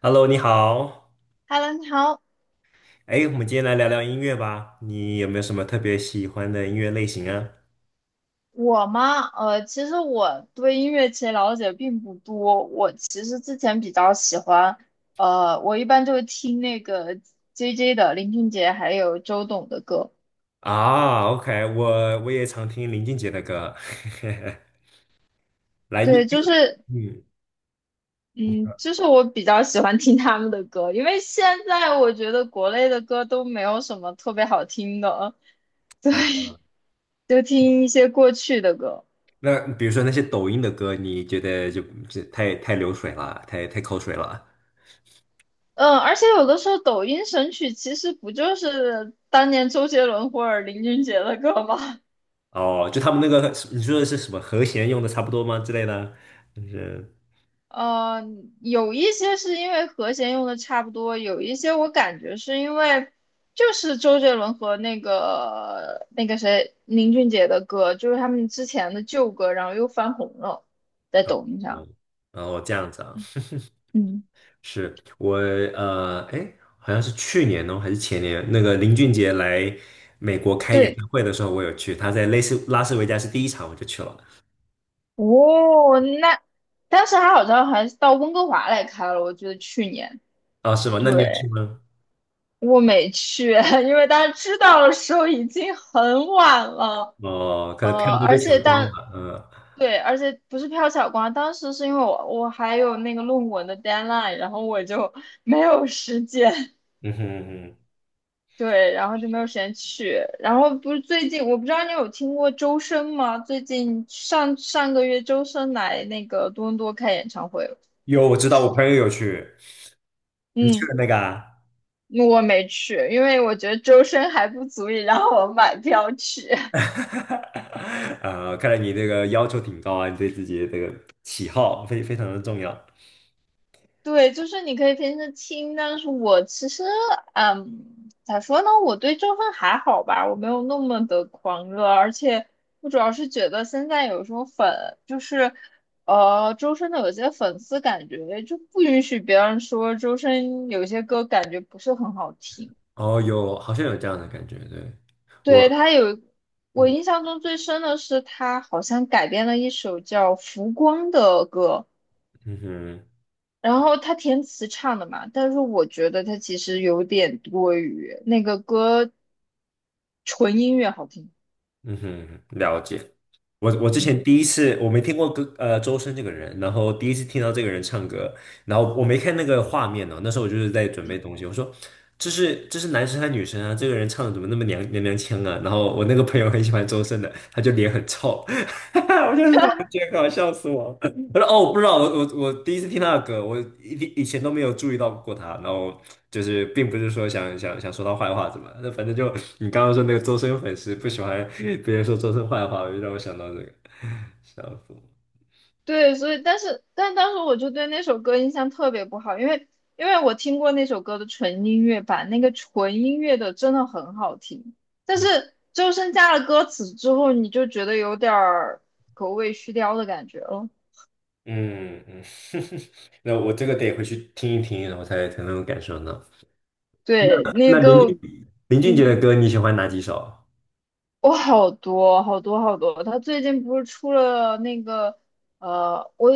Hello，你好。Hello，你好，哎，我们今天来聊聊音乐吧。你有没有什么特别喜欢的音乐类型啊？我吗？其实我对音乐其实了解并不多。我其实之前比较喜欢，我一般就会听那个 JJ 的林俊杰还有周董的歌。啊，OK，我也常听林俊杰的歌。来，你。对，就是，嗯。嗯，就是我比较喜欢听他们的歌，因为现在我觉得国内的歌都没有什么特别好听的，对，啊，就听一些过去的歌。那比如说那些抖音的歌，你觉得就太流水了，太口水了？嗯，而且有的时候抖音神曲其实不就是当年周杰伦或者林俊杰的歌吗？哦，就他们那个，你说的是什么和弦用的差不多吗之类的？就是。嗯，有一些是因为和弦用的差不多，有一些我感觉是因为就是周杰伦和那个谁林俊杰的歌，就是他们之前的旧歌，然后又翻红了，在抖音上。哦，然后这样子啊。嗯，是我哎，好像是去年哦，还是前年，那个林俊杰来美国开演对，唱会的时候，我有去，他在类似拉斯维加斯第一场我就去了。哦，那当时他好像还到温哥华来开了，我记得去年。啊，是吗？那你对，有去吗？我没去，因为大家知道的时候已经很晚了，哦，可能票都而被且抢光但了。嗯。对，而且不是瞟小光，当时是因为我还有那个论文的 deadline，然后我就 没有时间，嗯哼。嗯哼。对，然后就没有时间去。然后不是最近，我不知道你有听过周深吗？最近上上个月周深来那个多伦多开演唱会了，有，我知道，我朋友有去，你去嗯，了那个啊？我没去，因为我觉得周深还不足以让我买票去。啊，看来你这个要求挺高啊，你对自己的这个喜好非常的重要。对，就是你可以平时听，但是我其实，咋说呢？我对周深还好吧，我没有那么的狂热，而且我主要是觉得现在有时候粉就是，周深的有些粉丝感觉就不允许别人说周深有些歌感觉不是很好听。哦，有，好像有这样的感觉，对。对，我，他有，我印嗯。象中最深的是他好像改编了一首叫《浮光》的歌。嗯哼。然后他填词唱的嘛，但是我觉得他其实有点多余，那个歌纯音乐好听，嗯哼，了解。我之前嗯，第一次我没听过歌周深这个人，然后第一次听到这个人唱歌，然后我没看那个画面呢，那时候我就是在准备东西，我说这是男生还是女生啊？这个人唱的怎么那么娘娘腔啊？然后我那个朋友很喜欢周深的，他就脸很臭。我就很我觉得搞笑死我了。我说哦，我不知道，我第一次听他的歌，我以前都没有注意到过他，然后就是并不是说想说他坏话怎么，那反正就你刚刚说那个周深粉丝不喜欢别人说周深坏话，我就让我想到这个笑死。对，所以但是当时我就对那首歌印象特别不好，因为我听过那首歌的纯音乐版，那个纯音乐的真的很好听，但嗯。是周深加了歌词之后，你就觉得有点儿狗尾续貂的感觉了，嗯。嗯。那我这个得回去听一听，然后才能感受到。那对，那那林个。俊林俊杰嗯。的歌你喜欢哪几首？我好多好多好多，他最近不是出了那个呃，我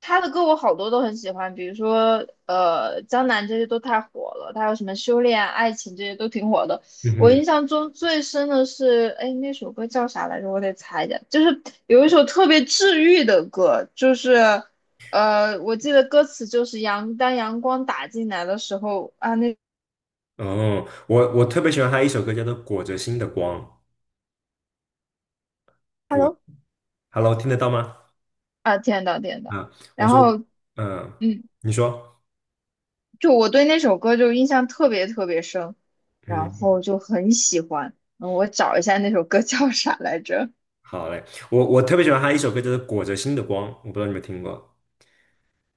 他的歌我好多都很喜欢，比如说《江南》这些都太火了，他有什么《修炼》《爱情》这些都挺火的。我嗯印象中最深的是，哎，那首歌叫啥来着？我得猜一下。就是有一首特别治愈的歌，就是我记得歌词就是当阳光打进来的时候啊，那 哼。哦，我特别喜欢他一首歌叫做《裹着心的光》，裹 Hello ，Hello，听得到吗？啊，天呐天呐，啊，我然说，后。嗯，嗯。你说。就我对那首歌就印象特别特别深，然嗯。后就很喜欢。嗯我找一下那首歌叫啥来着？好嘞，我特别喜欢他一首歌，就是《裹着心的光》，我不知道你们听过。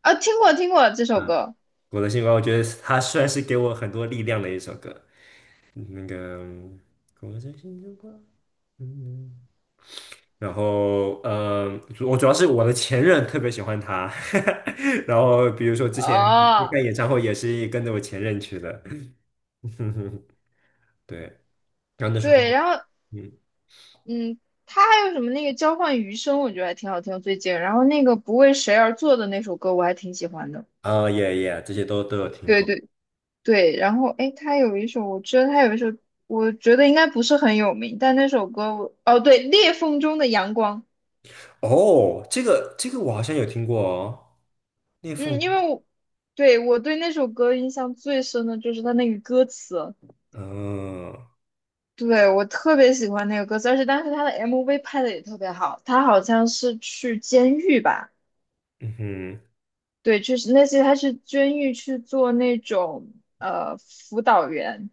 啊，听过听过这首啊，歌。《裹着心的光》，我觉得他算是给我很多力量的一首歌。那个嗯裹着心的光。嗯。然后，我主要是我的前任特别喜欢他，然后比如说之前去哦，看演唱会也是跟着我前任去的。对，然后那时对，候，然后嗯，嗯，他还有什么那个交换余生，我觉得还挺好听的最近。然后那个不为谁而作的那首歌，我还挺喜欢的。啊，也，这些都有听对过。对对，然后诶，他有一首，我觉得他有一首，我觉得应该不是很有名，但那首歌我，哦，对，裂缝中的阳光。哦，这个我好像有听过哦，裂缝。嗯，因为我对那首歌印象最深的就是它那个歌词，哦。对我特别喜欢那个歌词，而且当时它的 MV 拍的也特别好，它好像是去监狱吧，嗯哼。对，就是那些他是监狱去做那种辅导员，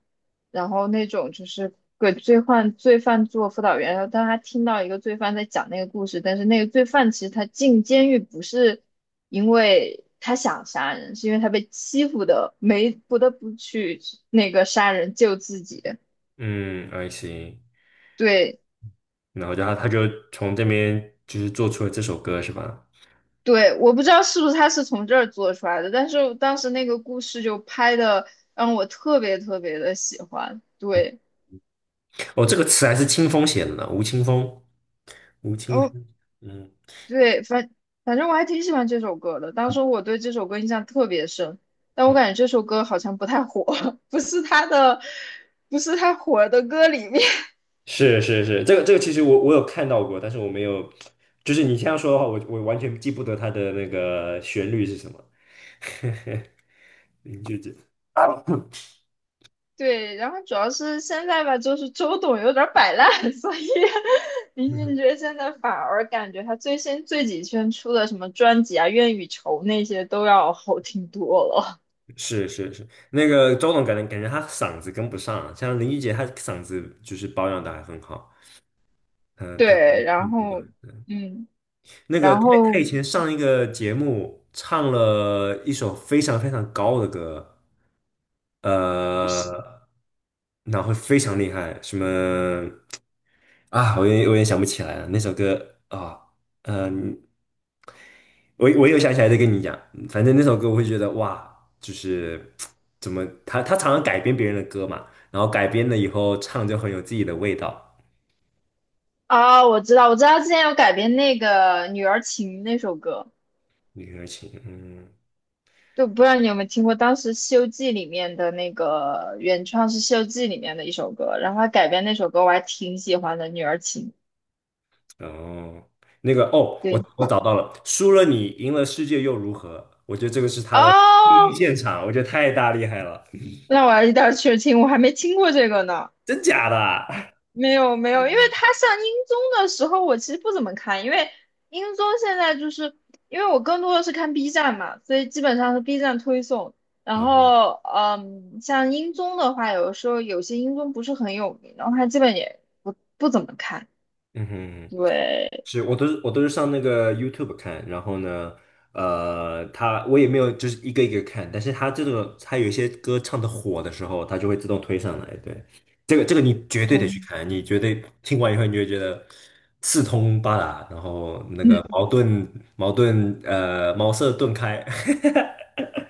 然后那种就是给罪犯做辅导员，然后当他听到一个罪犯在讲那个故事，但是那个罪犯其实他进监狱不是因为他想杀人，是因为他被欺负的，没不得不去那个杀人救自己。嗯，I see。对然后就他就从这边就是做出了这首歌是吧？对，我不知道是不是他是从这儿做出来的，但是当时那个故事就拍的让我特别特别的喜欢。对。哦，这个词还是清风写的呢，吴青峰，吴青哦，峰。嗯对，反正我还挺喜欢这首歌的。当时我对这首歌印象特别深，但我嗯。感觉这首歌好像不太火，不是他的，不是他火的歌里面。是是是，这个其实我有看到过，但是我没有，就是你这样说的话，我完全记不得它的那个旋律是什么。林俊杰。 对，然后主要是现在吧，就是周董有点儿摆烂，所以林嗯。俊杰现在反而感觉他最新最几圈出的什么专辑啊，《愿与愁》那些都要好听多了。是是是，那个周董感觉他嗓子跟不上啊，像林俊杰他嗓子就是保养的还很好。嗯，他对，然唱后歌嗯。那个然他后以前上一个节目唱了一首非常非常高的歌，呃，然后非常厉害，什么啊，我有点想不起来了，那首歌啊，嗯，我有想起来再跟你讲，反正那首歌我会觉得哇，就是怎么他常常改编别人的歌嘛，然后改编了以后唱就很有自己的味道，啊，我知道，我知道，之前有改编那个《女儿情》那首歌，李克勤。嗯。就不知道你有没有听过。当时《西游记》里面的那个原创是《西游记》里面的一首歌，然后他改编那首歌，我还挺喜欢的，《女儿情》。哦，那个哦，我对，我找到了，输了你，赢了世界又如何？我觉得这个是他的第哦，一现场，我觉得太厉害了，那我一定要去听，我还没听过这个呢。真假的啊？没有没有，因为他上英综的时候，我其实不怎么看，因为英综现在就是因为我更多的是看 B 站嘛，所以基本上是 B 站推送。然啊。后，像英综的话，有的时候有些英综不是很有名，然后他基本也不怎么看。嗯哼。对，是我都是上那个 YouTube 看，然后呢，他我也没有就是一个一个看，但是他这种他有一些歌唱的火的时候，他就会自动推上来。对，这个你绝对得去嗯看，你绝对听完以后你就会觉得四通八达，然后那个嗯，矛盾矛盾茅塞顿开。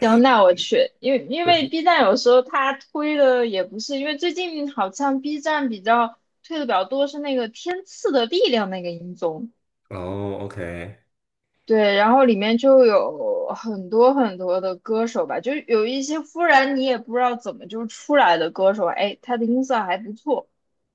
行，那我去，因为B 站有时候它推的也不是，因为最近好像 B 站比较推的比较多是那个《天赐的力量》那个英综。哦，OK。对，然后里面就有很多很多的歌手吧，就有一些忽然你也不知道怎么就出来的歌手，哎，他的音色还不错，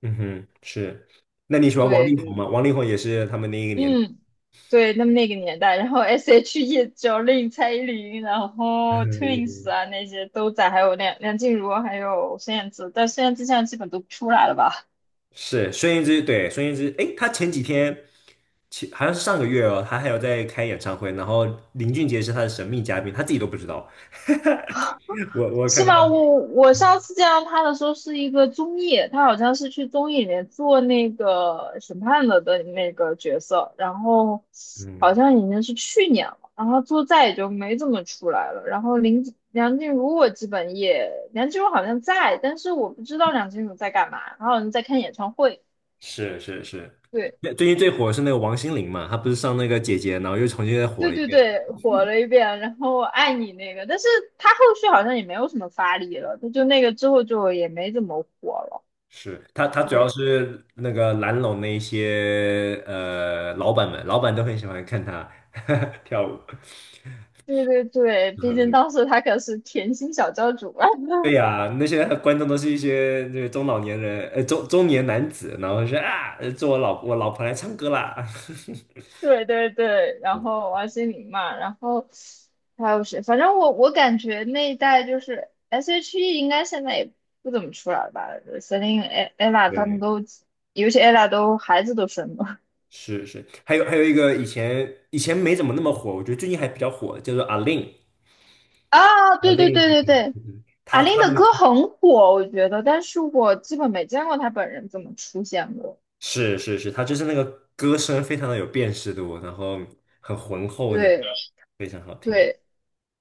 嗯哼，是。那你喜欢王对力宏对，吗？王力宏也是他们那一个年代。嗯，对，他们那个年代，然后 S.H.E、Jolin、蔡依林，然后 Twins 啊那些都在，还有梁静茹，还有孙燕姿，但孙燕姿现在基本都不出来了吧？是孙燕姿，对，孙燕姿，诶，她前几天，好像是上个月哦，她还有在开演唱会，然后林俊杰是她的神秘嘉宾，她自己都不知道。我是看到那吗？个，我上次见到他的时候是一个综艺，他好像是去综艺里面做那个审判的的那个角色，然后好嗯，像已经是去年了，然后做再也就没怎么出来了。然后梁静茹我基本也，梁静茹好像在，但是我不知道梁静茹在干嘛，她好像在看演唱会。是是是，对那最近最火的是那个王心凌嘛，她不是上那个姐姐，然后又重新再火对了一对遍。对，火了一遍，然后爱你那个，但是他后续好像也没有什么发力了，她就那个之后就也没怎么火了。是她，她主要对。是那个蓝龙那一些老板们，老板都很喜欢看她 跳舞。对对对，毕竟当时他可是甜心小教主啊。对呀，那些观众都是一些这个中老年人，中年男子，然后说啊，做我老婆来唱歌啦。对对对，然后王心凌嘛，然后还有谁？反正我感觉那一代就是 S.H.E 应该现在也不怎么出来了吧？Selin、e ella 他们对。都，尤其 ella 都孩子都生了 是是，还有一个以前没怎么那么火，我觉得最近还比较火，叫做阿令。啊！阿对对令，对对对，阿他令他那的个。歌很火，我觉得，但是我基本没见过她本人怎么出现过。是是是，他就是那个歌声非常的有辨识度，然后很浑厚那样，对非常好听。对。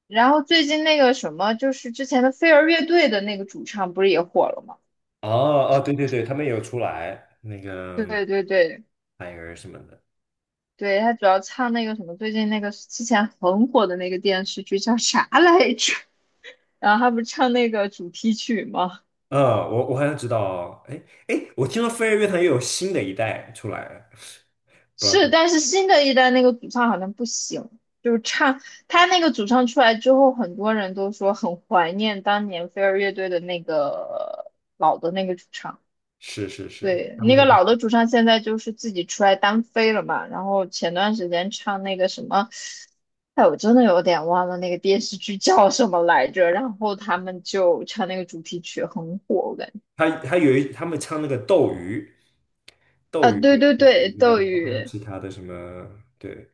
然后最近那个什么，就是之前的飞儿乐队的那个主唱不是也火了吗？哦，哦，对对对，他们也有出来那对个 对对 f i 什么的。对，他主要唱那个什么，最近那个之前很火的那个电视剧叫啥来着？然后他不是唱那个主题曲吗？我好像知道哦，哎哎，我听说飞儿乐团又有新的一代出来，不知道。是，但是新的一代那个主唱好像不行，就是唱他那个主唱出来之后，很多人都说很怀念当年飞儿乐队的那个老的那个主唱。是是是是，对，他们那个那个老的主唱现在就是自己出来单飞了嘛，然后前段时间唱那个什么，哎，我真的有点忘了那个电视剧叫什么来着，然后他们就唱那个主题曲很火，我感觉，他他们唱那个斗鱼，斗啊，对鱼对有一对，个，斗然后还有鱼，其他的什么，对。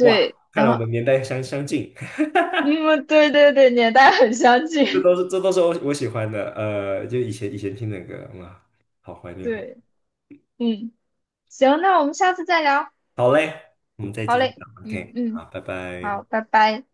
哇，看来然我后，们年代相近，嗯，对对对，年代很相这近，都是这都是我喜欢的，就以前听的歌，哇，好怀 念哦。对，嗯，行，那我们下次再聊，好嘞，我们再好继续嘞，聊嗯，OK，好，嗯，拜好，拜。拜拜。